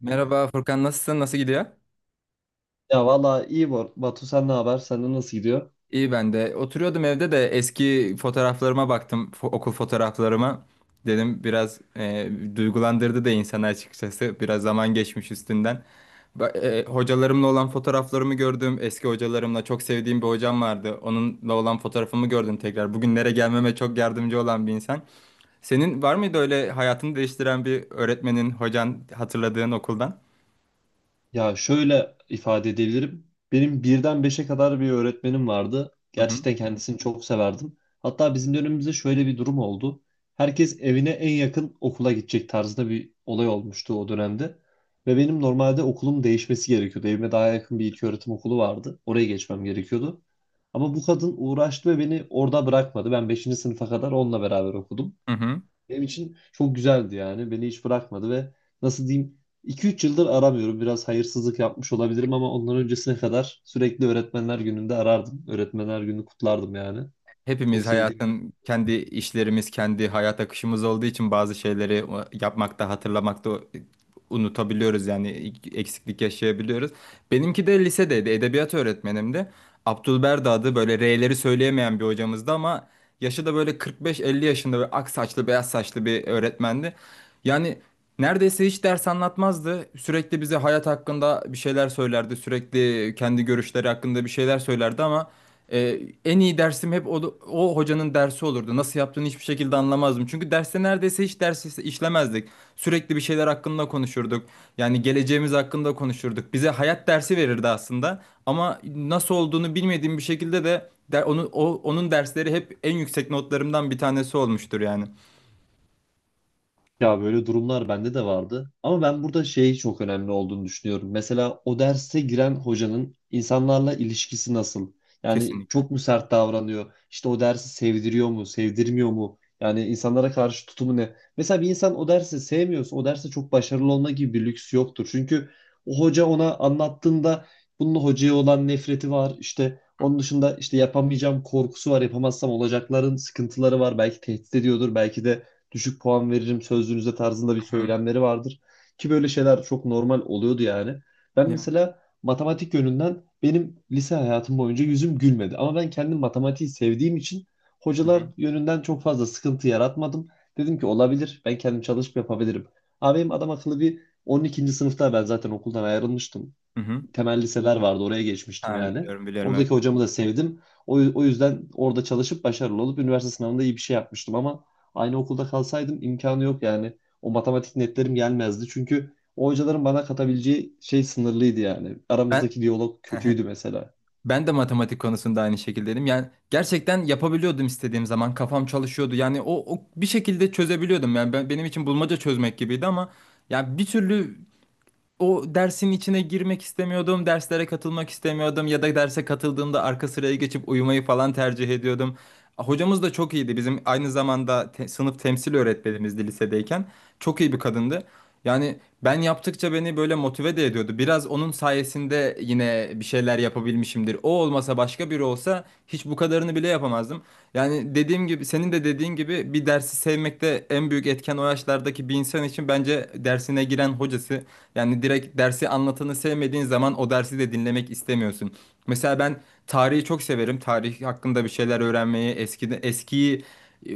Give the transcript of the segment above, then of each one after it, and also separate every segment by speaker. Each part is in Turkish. Speaker 1: Merhaba Furkan, nasılsın? Nasıl gidiyor?
Speaker 2: Ya valla iyi Batu, sen ne haber? Sende nasıl gidiyor?
Speaker 1: İyi ben de. Oturuyordum evde de eski fotoğraflarıma baktım. Okul fotoğraflarıma. Dedim biraz duygulandırdı da insanı açıkçası. Biraz zaman geçmiş üstünden. Hocalarımla olan fotoğraflarımı gördüm. Eski hocalarımla çok sevdiğim bir hocam vardı. Onunla olan fotoğrafımı gördüm tekrar. Bugünlere gelmeme çok yardımcı olan bir insan. Senin var mıydı öyle hayatını değiştiren bir öğretmenin, hocan hatırladığın okuldan?
Speaker 2: Ya şöyle ifade edebilirim. Benim birden beşe kadar bir öğretmenim vardı.
Speaker 1: Hı hı.
Speaker 2: Gerçekten kendisini çok severdim. Hatta bizim dönemimizde şöyle bir durum oldu. Herkes evine en yakın okula gidecek tarzında bir olay olmuştu o dönemde. Ve benim normalde okulum değişmesi gerekiyordu. Evime daha yakın bir ilköğretim okulu vardı. Oraya geçmem gerekiyordu. Ama bu kadın uğraştı ve beni orada bırakmadı. Ben beşinci sınıfa kadar onunla beraber okudum.
Speaker 1: Hı hı.
Speaker 2: Benim için çok güzeldi yani. Beni hiç bırakmadı ve nasıl diyeyim, iki üç yıldır aramıyorum. Biraz hayırsızlık yapmış olabilirim ama ondan öncesine kadar sürekli öğretmenler gününde arardım. Öğretmenler günü kutlardım yani. Çok
Speaker 1: Hepimiz
Speaker 2: sevdiğim.
Speaker 1: hayatın kendi işlerimiz, kendi hayat akışımız olduğu için bazı şeyleri yapmakta, hatırlamakta unutabiliyoruz, yani eksiklik yaşayabiliyoruz. Benimki de lisedeydi, edebiyat öğretmenimdi. Abdülberdi adı, böyle R'leri söyleyemeyen bir hocamızdı ama yaşı da böyle 45-50 yaşında ve ak saçlı, beyaz saçlı bir öğretmendi. Yani neredeyse hiç ders anlatmazdı. Sürekli bize hayat hakkında bir şeyler söylerdi, sürekli kendi görüşleri hakkında bir şeyler söylerdi ama ee, en iyi dersim hep o hocanın dersi olurdu. Nasıl yaptığını hiçbir şekilde anlamazdım. Çünkü derste neredeyse hiç işlemezdik. Sürekli bir şeyler hakkında konuşurduk. Yani geleceğimiz hakkında konuşurduk. Bize hayat dersi verirdi aslında. Ama nasıl olduğunu bilmediğim bir şekilde de der, onu, o, onun dersleri hep en yüksek notlarımdan bir tanesi olmuştur yani.
Speaker 2: Ya böyle durumlar bende de vardı. Ama ben burada şey çok önemli olduğunu düşünüyorum. Mesela o derse giren hocanın insanlarla ilişkisi nasıl? Yani
Speaker 1: Kesinlikle.
Speaker 2: çok mu sert davranıyor? İşte o dersi sevdiriyor mu, sevdirmiyor mu? Yani insanlara karşı tutumu ne? Mesela bir insan o dersi sevmiyorsa o derste çok başarılı olma gibi bir lüks yoktur. Çünkü o hoca ona anlattığında bunun hocaya olan nefreti var. İşte
Speaker 1: Hı
Speaker 2: onun dışında işte yapamayacağım korkusu var. Yapamazsam olacakların sıkıntıları var. Belki tehdit ediyordur. Belki de düşük puan veririm sözlüğünüzde tarzında bir
Speaker 1: hı.
Speaker 2: söylemleri vardır. Ki böyle şeyler çok normal oluyordu yani. Ben
Speaker 1: Ya.
Speaker 2: mesela matematik yönünden benim lise hayatım boyunca yüzüm gülmedi. Ama ben kendim matematiği sevdiğim için
Speaker 1: Hı
Speaker 2: hocalar
Speaker 1: hı.
Speaker 2: yönünden çok fazla sıkıntı yaratmadım. Dedim ki olabilir, ben kendim çalışıp yapabilirim. Abi benim adam akıllı bir 12. sınıfta ben zaten okuldan ayrılmıştım,
Speaker 1: Hı hı.
Speaker 2: temel liseler vardı. Oraya geçmiştim
Speaker 1: Ha,
Speaker 2: yani.
Speaker 1: biliyorum biliyorum, evet.
Speaker 2: Oradaki hocamı da sevdim. O yüzden orada çalışıp başarılı olup üniversite sınavında iyi bir şey yapmıştım ama aynı okulda kalsaydım imkanı yok yani. O matematik netlerim gelmezdi. Çünkü o hocaların bana katabileceği şey sınırlıydı yani.
Speaker 1: Ben
Speaker 2: Aramızdaki diyalog kötüydü mesela.
Speaker 1: Ben de matematik konusunda aynı şekildeydim. Yani gerçekten yapabiliyordum istediğim zaman. Kafam çalışıyordu. Yani o bir şekilde çözebiliyordum. Yani benim için bulmaca çözmek gibiydi ama yani bir türlü o dersin içine girmek istemiyordum, derslere katılmak istemiyordum ya da derse katıldığımda arka sıraya geçip uyumayı falan tercih ediyordum. Hocamız da çok iyiydi. Bizim aynı zamanda sınıf temsil öğretmenimizdi lisedeyken. Çok iyi bir kadındı. Yani ben yaptıkça beni böyle motive de ediyordu. Biraz onun sayesinde yine bir şeyler yapabilmişimdir. O olmasa başka biri olsa hiç bu kadarını bile yapamazdım. Yani dediğim gibi, senin de dediğin gibi, bir dersi sevmekte en büyük etken o yaşlardaki bir insan için bence dersine giren hocası. Yani direkt dersi anlatanı sevmediğin zaman o dersi de dinlemek istemiyorsun. Mesela ben tarihi çok severim. Tarih hakkında bir şeyler öğrenmeyi, eski eskiyi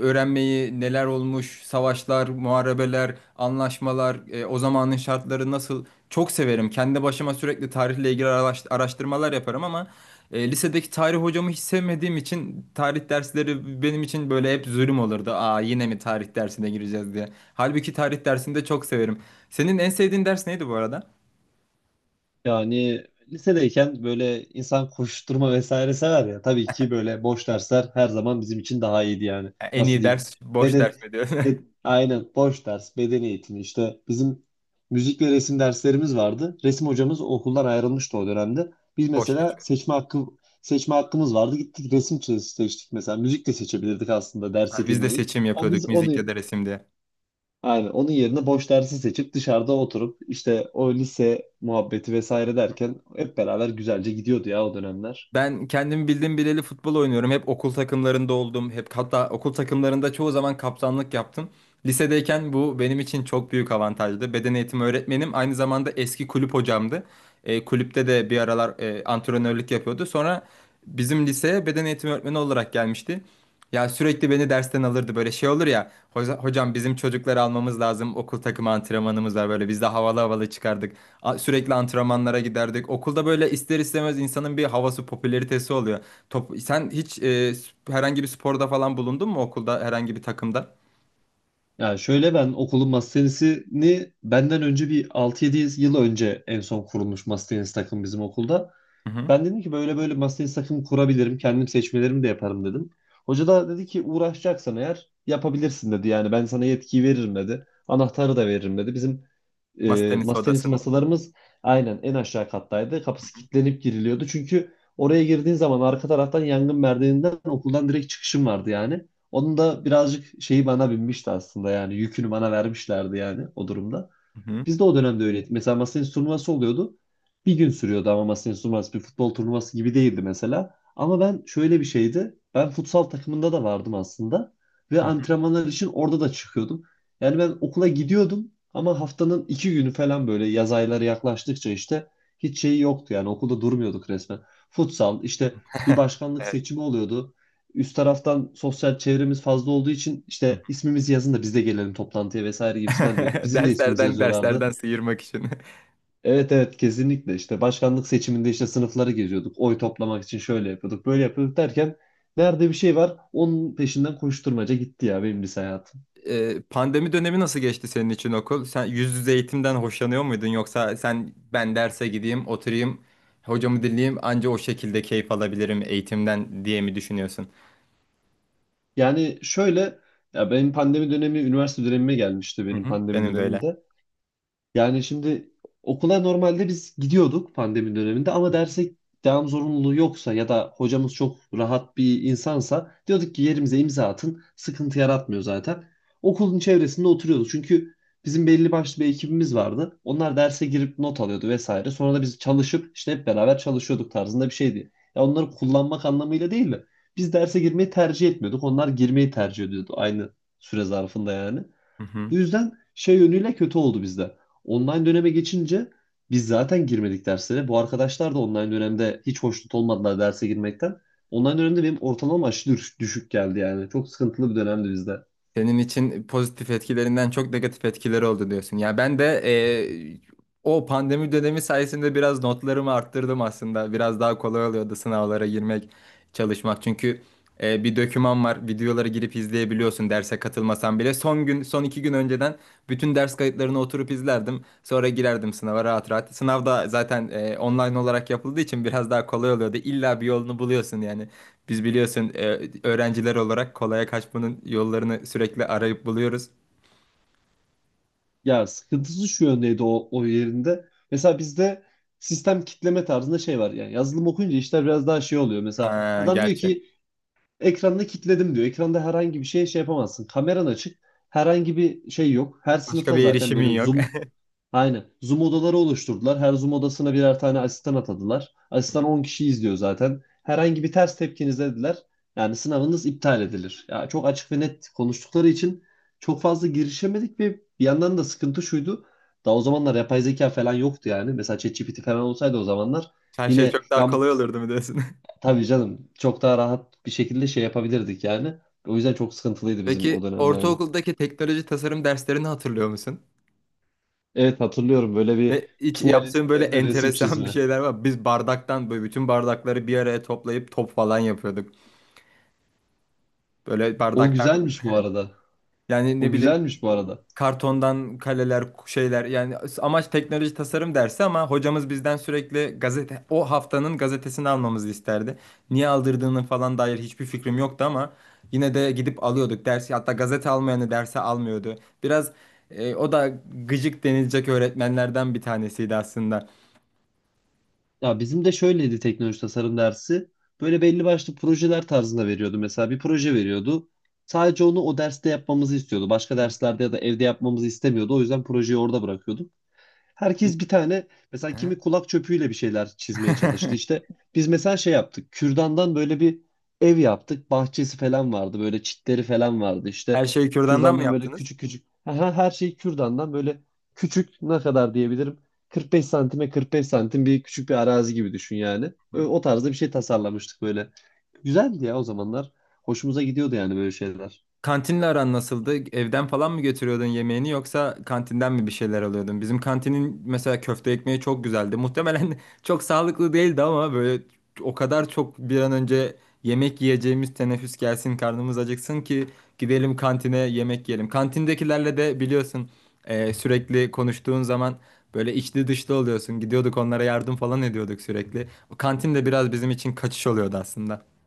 Speaker 1: öğrenmeyi, neler olmuş, savaşlar, muharebeler, anlaşmalar, o zamanın şartları nasıl, çok severim. Kendi başıma sürekli tarihle ilgili araştırmalar yaparım ama lisedeki tarih hocamı hiç sevmediğim için tarih dersleri benim için böyle hep zulüm olurdu. Aa, yine mi tarih dersine gireceğiz diye. Halbuki tarih dersini de çok severim. Senin en sevdiğin ders neydi bu arada?
Speaker 2: Yani lisedeyken böyle insan koşturma vesaire sever ya. Tabii ki böyle boş dersler her zaman bizim için daha iyiydi yani.
Speaker 1: En
Speaker 2: Nasıl
Speaker 1: iyi
Speaker 2: diyeyim?
Speaker 1: ders boş
Speaker 2: Beden,
Speaker 1: ders mi diyor?
Speaker 2: aynen boş ders, beden eğitimi, işte bizim müzik ve resim derslerimiz vardı. Resim hocamız okuldan ayrılmıştı o dönemde. Biz
Speaker 1: Boş
Speaker 2: mesela
Speaker 1: geçiyor.
Speaker 2: seçme hakkımız vardı. Gittik resim seçtik mesela. Müzik de seçebilirdik aslında derse
Speaker 1: Ha, biz de
Speaker 2: girmeyi.
Speaker 1: seçim
Speaker 2: Ama biz
Speaker 1: yapıyorduk,
Speaker 2: onu.
Speaker 1: müzik ya da resim diye.
Speaker 2: Aynen. Onun yerine boş dersi seçip dışarıda oturup işte o lise muhabbeti vesaire derken hep beraber güzelce gidiyordu ya o dönemler.
Speaker 1: Ben kendimi bildim bileli futbol oynuyorum. Hep okul takımlarında oldum. Hep, hatta okul takımlarında çoğu zaman kaptanlık yaptım. Lisedeyken bu benim için çok büyük avantajdı. Beden eğitimi öğretmenim aynı zamanda eski kulüp hocamdı. Kulüpte de bir aralar antrenörlük yapıyordu. Sonra bizim liseye beden eğitimi öğretmeni olarak gelmişti. Ya sürekli beni dersten alırdı, böyle şey olur ya, Hocam, bizim çocukları almamız lazım, okul takımı antrenmanımız var." Böyle biz de havalı havalı çıkardık. Sürekli antrenmanlara giderdik okulda, böyle ister istemez insanın bir havası, popülaritesi oluyor. Top, sen hiç herhangi bir sporda falan bulundun mu okulda, herhangi bir takımda?
Speaker 2: Yani şöyle, ben okulun masa tenisini benden önce bir altı yedi yıl önce en son kurulmuş masa tenisi takım bizim okulda.
Speaker 1: Hı hı.
Speaker 2: Ben dedim ki böyle böyle masayı sakın kurabilirim. Kendim seçmelerimi de yaparım dedim. Hoca da dedi ki uğraşacaksan eğer yapabilirsin dedi. Yani ben sana yetkiyi veririm dedi. Anahtarı da veririm dedi. Bizim
Speaker 1: Masa tenisi
Speaker 2: masa tenisi
Speaker 1: odasının.
Speaker 2: masalarımız aynen en aşağı kattaydı. Kapısı kilitlenip giriliyordu. Çünkü oraya girdiğin zaman arka taraftan yangın merdiveninden okuldan direkt çıkışım vardı yani. Onun da birazcık şeyi bana binmişti aslında, yani yükünü bana vermişlerdi yani o durumda.
Speaker 1: Hı hı.
Speaker 2: Biz de o dönemde öyleydi. Mesela masa tenisi turnuvası oluyordu. Bir gün sürüyordu ama masa tenisi turnuvası bir futbol turnuvası gibi değildi mesela. Ama ben şöyle bir şeydi. Ben futsal takımında da vardım aslında. Ve
Speaker 1: Hı hı.
Speaker 2: antrenmanlar için orada da çıkıyordum. Yani ben okula gidiyordum ama haftanın iki günü falan böyle yaz ayları yaklaştıkça işte hiç şeyi yoktu. Yani okulda durmuyorduk resmen. Futsal, işte bir başkanlık
Speaker 1: Evet.
Speaker 2: seçimi oluyordu. Üst taraftan sosyal çevremiz fazla olduğu için işte ismimizi yazın da biz de gelelim toplantıya vesaire gibisinden diyorduk. Bizim de ismimizi
Speaker 1: Derslerden,
Speaker 2: yazıyorlardı.
Speaker 1: derslerden sıyırmak için.
Speaker 2: Evet evet, kesinlikle işte başkanlık seçiminde işte sınıfları geziyorduk. Oy toplamak için şöyle yapıyorduk böyle yapıyorduk derken nerede bir şey var onun peşinden koşturmaca gitti ya benim lise hayatım.
Speaker 1: Pandemi dönemi nasıl geçti senin için okul? Sen yüz yüze eğitimden hoşlanıyor muydun, yoksa sen ben derse gideyim, oturayım, hocamı dinleyeyim, anca o şekilde keyif alabilirim eğitimden diye mi düşünüyorsun?
Speaker 2: Yani şöyle, ya benim pandemi dönemi üniversite dönemime gelmişti,
Speaker 1: Hı
Speaker 2: benim
Speaker 1: hı.
Speaker 2: pandemi
Speaker 1: Benim de öyle.
Speaker 2: döneminde. Yani şimdi okula normalde biz gidiyorduk pandemi döneminde ama derse devam zorunluluğu yoksa ya da hocamız çok rahat bir insansa diyorduk ki yerimize imza atın. Sıkıntı yaratmıyor zaten. Okulun çevresinde oturuyorduk. Çünkü bizim belli başlı bir ekibimiz vardı. Onlar derse girip not alıyordu vesaire. Sonra da biz çalışıp işte hep beraber çalışıyorduk tarzında bir şeydi. Ya onları kullanmak anlamıyla değil de biz derse girmeyi tercih etmiyorduk. Onlar girmeyi tercih ediyordu aynı süre zarfında yani.
Speaker 1: Hı hı.
Speaker 2: Bu yüzden şey yönüyle kötü oldu bizde. Online döneme geçince biz zaten girmedik derslere. Bu arkadaşlar da online dönemde hiç hoşnut olmadılar derse girmekten. Online dönemde benim ortalama aşırı düşük geldi yani. Çok sıkıntılı bir dönemdi bizde.
Speaker 1: Senin için pozitif etkilerinden çok negatif etkileri oldu diyorsun. Ya ben de o pandemi dönemi sayesinde biraz notlarımı arttırdım aslında. Biraz daha kolay oluyordu sınavlara girmek, çalışmak. Çünkü bir döküman var. Videoları girip izleyebiliyorsun derse katılmasan bile. Son gün, son iki gün önceden bütün ders kayıtlarını oturup izlerdim. Sonra girerdim sınava rahat rahat. Sınav da zaten online olarak yapıldığı için biraz daha kolay oluyordu. İlla bir yolunu buluyorsun yani. Biz biliyorsun öğrenciler olarak kolaya kaçmanın yollarını sürekli arayıp buluyoruz.
Speaker 2: Ya sıkıntısı şu yöndeydi o yerinde. Mesela bizde sistem kitleme tarzında şey var. Yani yazılım okuyunca işler biraz daha şey oluyor. Mesela
Speaker 1: Ha,
Speaker 2: adam diyor
Speaker 1: gerçi.
Speaker 2: ki ekranını kitledim diyor. Ekranda herhangi bir şey yapamazsın. Kameran açık. Herhangi bir şey yok. Her
Speaker 1: Başka
Speaker 2: sınıfa
Speaker 1: bir
Speaker 2: zaten
Speaker 1: erişimin
Speaker 2: böyle
Speaker 1: yok.
Speaker 2: zoom. Aynen. Zoom odaları oluşturdular. Her Zoom odasına birer tane asistan atadılar.
Speaker 1: Hı
Speaker 2: Asistan
Speaker 1: hı.
Speaker 2: 10 kişi izliyor zaten. Herhangi bir ters tepkiniz dediler. Yani sınavınız iptal edilir. Ya çok açık ve net konuştukları için çok fazla girişemedik ve bir yandan da sıkıntı şuydu. Daha o zamanlar yapay zeka falan yoktu yani. Mesela ChatGPT falan olsaydı o zamanlar
Speaker 1: Her şey
Speaker 2: yine
Speaker 1: çok daha
Speaker 2: yam
Speaker 1: kolay olurdu mu diyorsun?
Speaker 2: tabii canım çok daha rahat bir şekilde şey yapabilirdik yani. O yüzden çok sıkıntılıydı bizim
Speaker 1: Peki,
Speaker 2: o dönem yani.
Speaker 1: ortaokuldaki teknoloji tasarım derslerini hatırlıyor musun?
Speaker 2: Evet hatırlıyorum, böyle bir
Speaker 1: Ne, hiç
Speaker 2: tuvalin
Speaker 1: yaptığın böyle
Speaker 2: üzerine resim
Speaker 1: enteresan bir
Speaker 2: çizme.
Speaker 1: şeyler var. Biz bardaktan böyle bütün bardakları bir araya toplayıp top falan yapıyorduk. Böyle
Speaker 2: O
Speaker 1: bardaktan,
Speaker 2: güzelmiş bu arada.
Speaker 1: yani
Speaker 2: O
Speaker 1: ne bileyim,
Speaker 2: güzelmiş bu arada.
Speaker 1: kartondan kaleler, şeyler, yani amaç teknoloji tasarım dersi ama hocamız bizden sürekli gazete, o haftanın gazetesini almamızı isterdi. Niye aldırdığının falan dair hiçbir fikrim yoktu ama yine de gidip alıyorduk dersi. Hatta gazete almayanı derse almıyordu. Biraz o da gıcık denilecek öğretmenlerden bir tanesiydi aslında.
Speaker 2: Ya bizim de şöyleydi teknoloji tasarım dersi. Böyle belli başlı projeler tarzında veriyordu. Mesela bir proje veriyordu. Sadece onu o derste yapmamızı istiyordu. Başka derslerde ya da evde yapmamızı istemiyordu. O yüzden projeyi orada bırakıyorduk. Herkes bir tane mesela
Speaker 1: Hı.
Speaker 2: kimi kulak çöpüyle bir şeyler çizmeye çalıştı. İşte biz mesela şey yaptık. Kürdandan böyle bir ev yaptık. Bahçesi falan vardı. Böyle çitleri falan vardı. İşte
Speaker 1: Her şeyi kürdandan mı
Speaker 2: kürdandan böyle
Speaker 1: yaptınız?
Speaker 2: küçük küçük. Aha, her şey kürdandan, böyle küçük, ne kadar diyebilirim? 45 santime 45 santim bir küçük bir arazi gibi düşün yani. O tarzda bir şey tasarlamıştık böyle. Güzeldi ya o zamanlar. Hoşumuza gidiyordu yani böyle şeyler.
Speaker 1: Kantinle aran nasıldı? Evden falan mı götürüyordun yemeğini, yoksa kantinden mi bir şeyler alıyordun? Bizim kantinin mesela köfte ekmeği çok güzeldi. Muhtemelen çok sağlıklı değildi ama böyle o kadar çok bir an önce yemek yiyeceğimiz teneffüs gelsin, karnımız acıksın ki gidelim kantine yemek yiyelim. Kantindekilerle de biliyorsun sürekli konuştuğun zaman böyle içli dışlı oluyorsun. Gidiyorduk, onlara yardım falan ediyorduk sürekli. O kantin de biraz bizim için kaçış oluyordu aslında.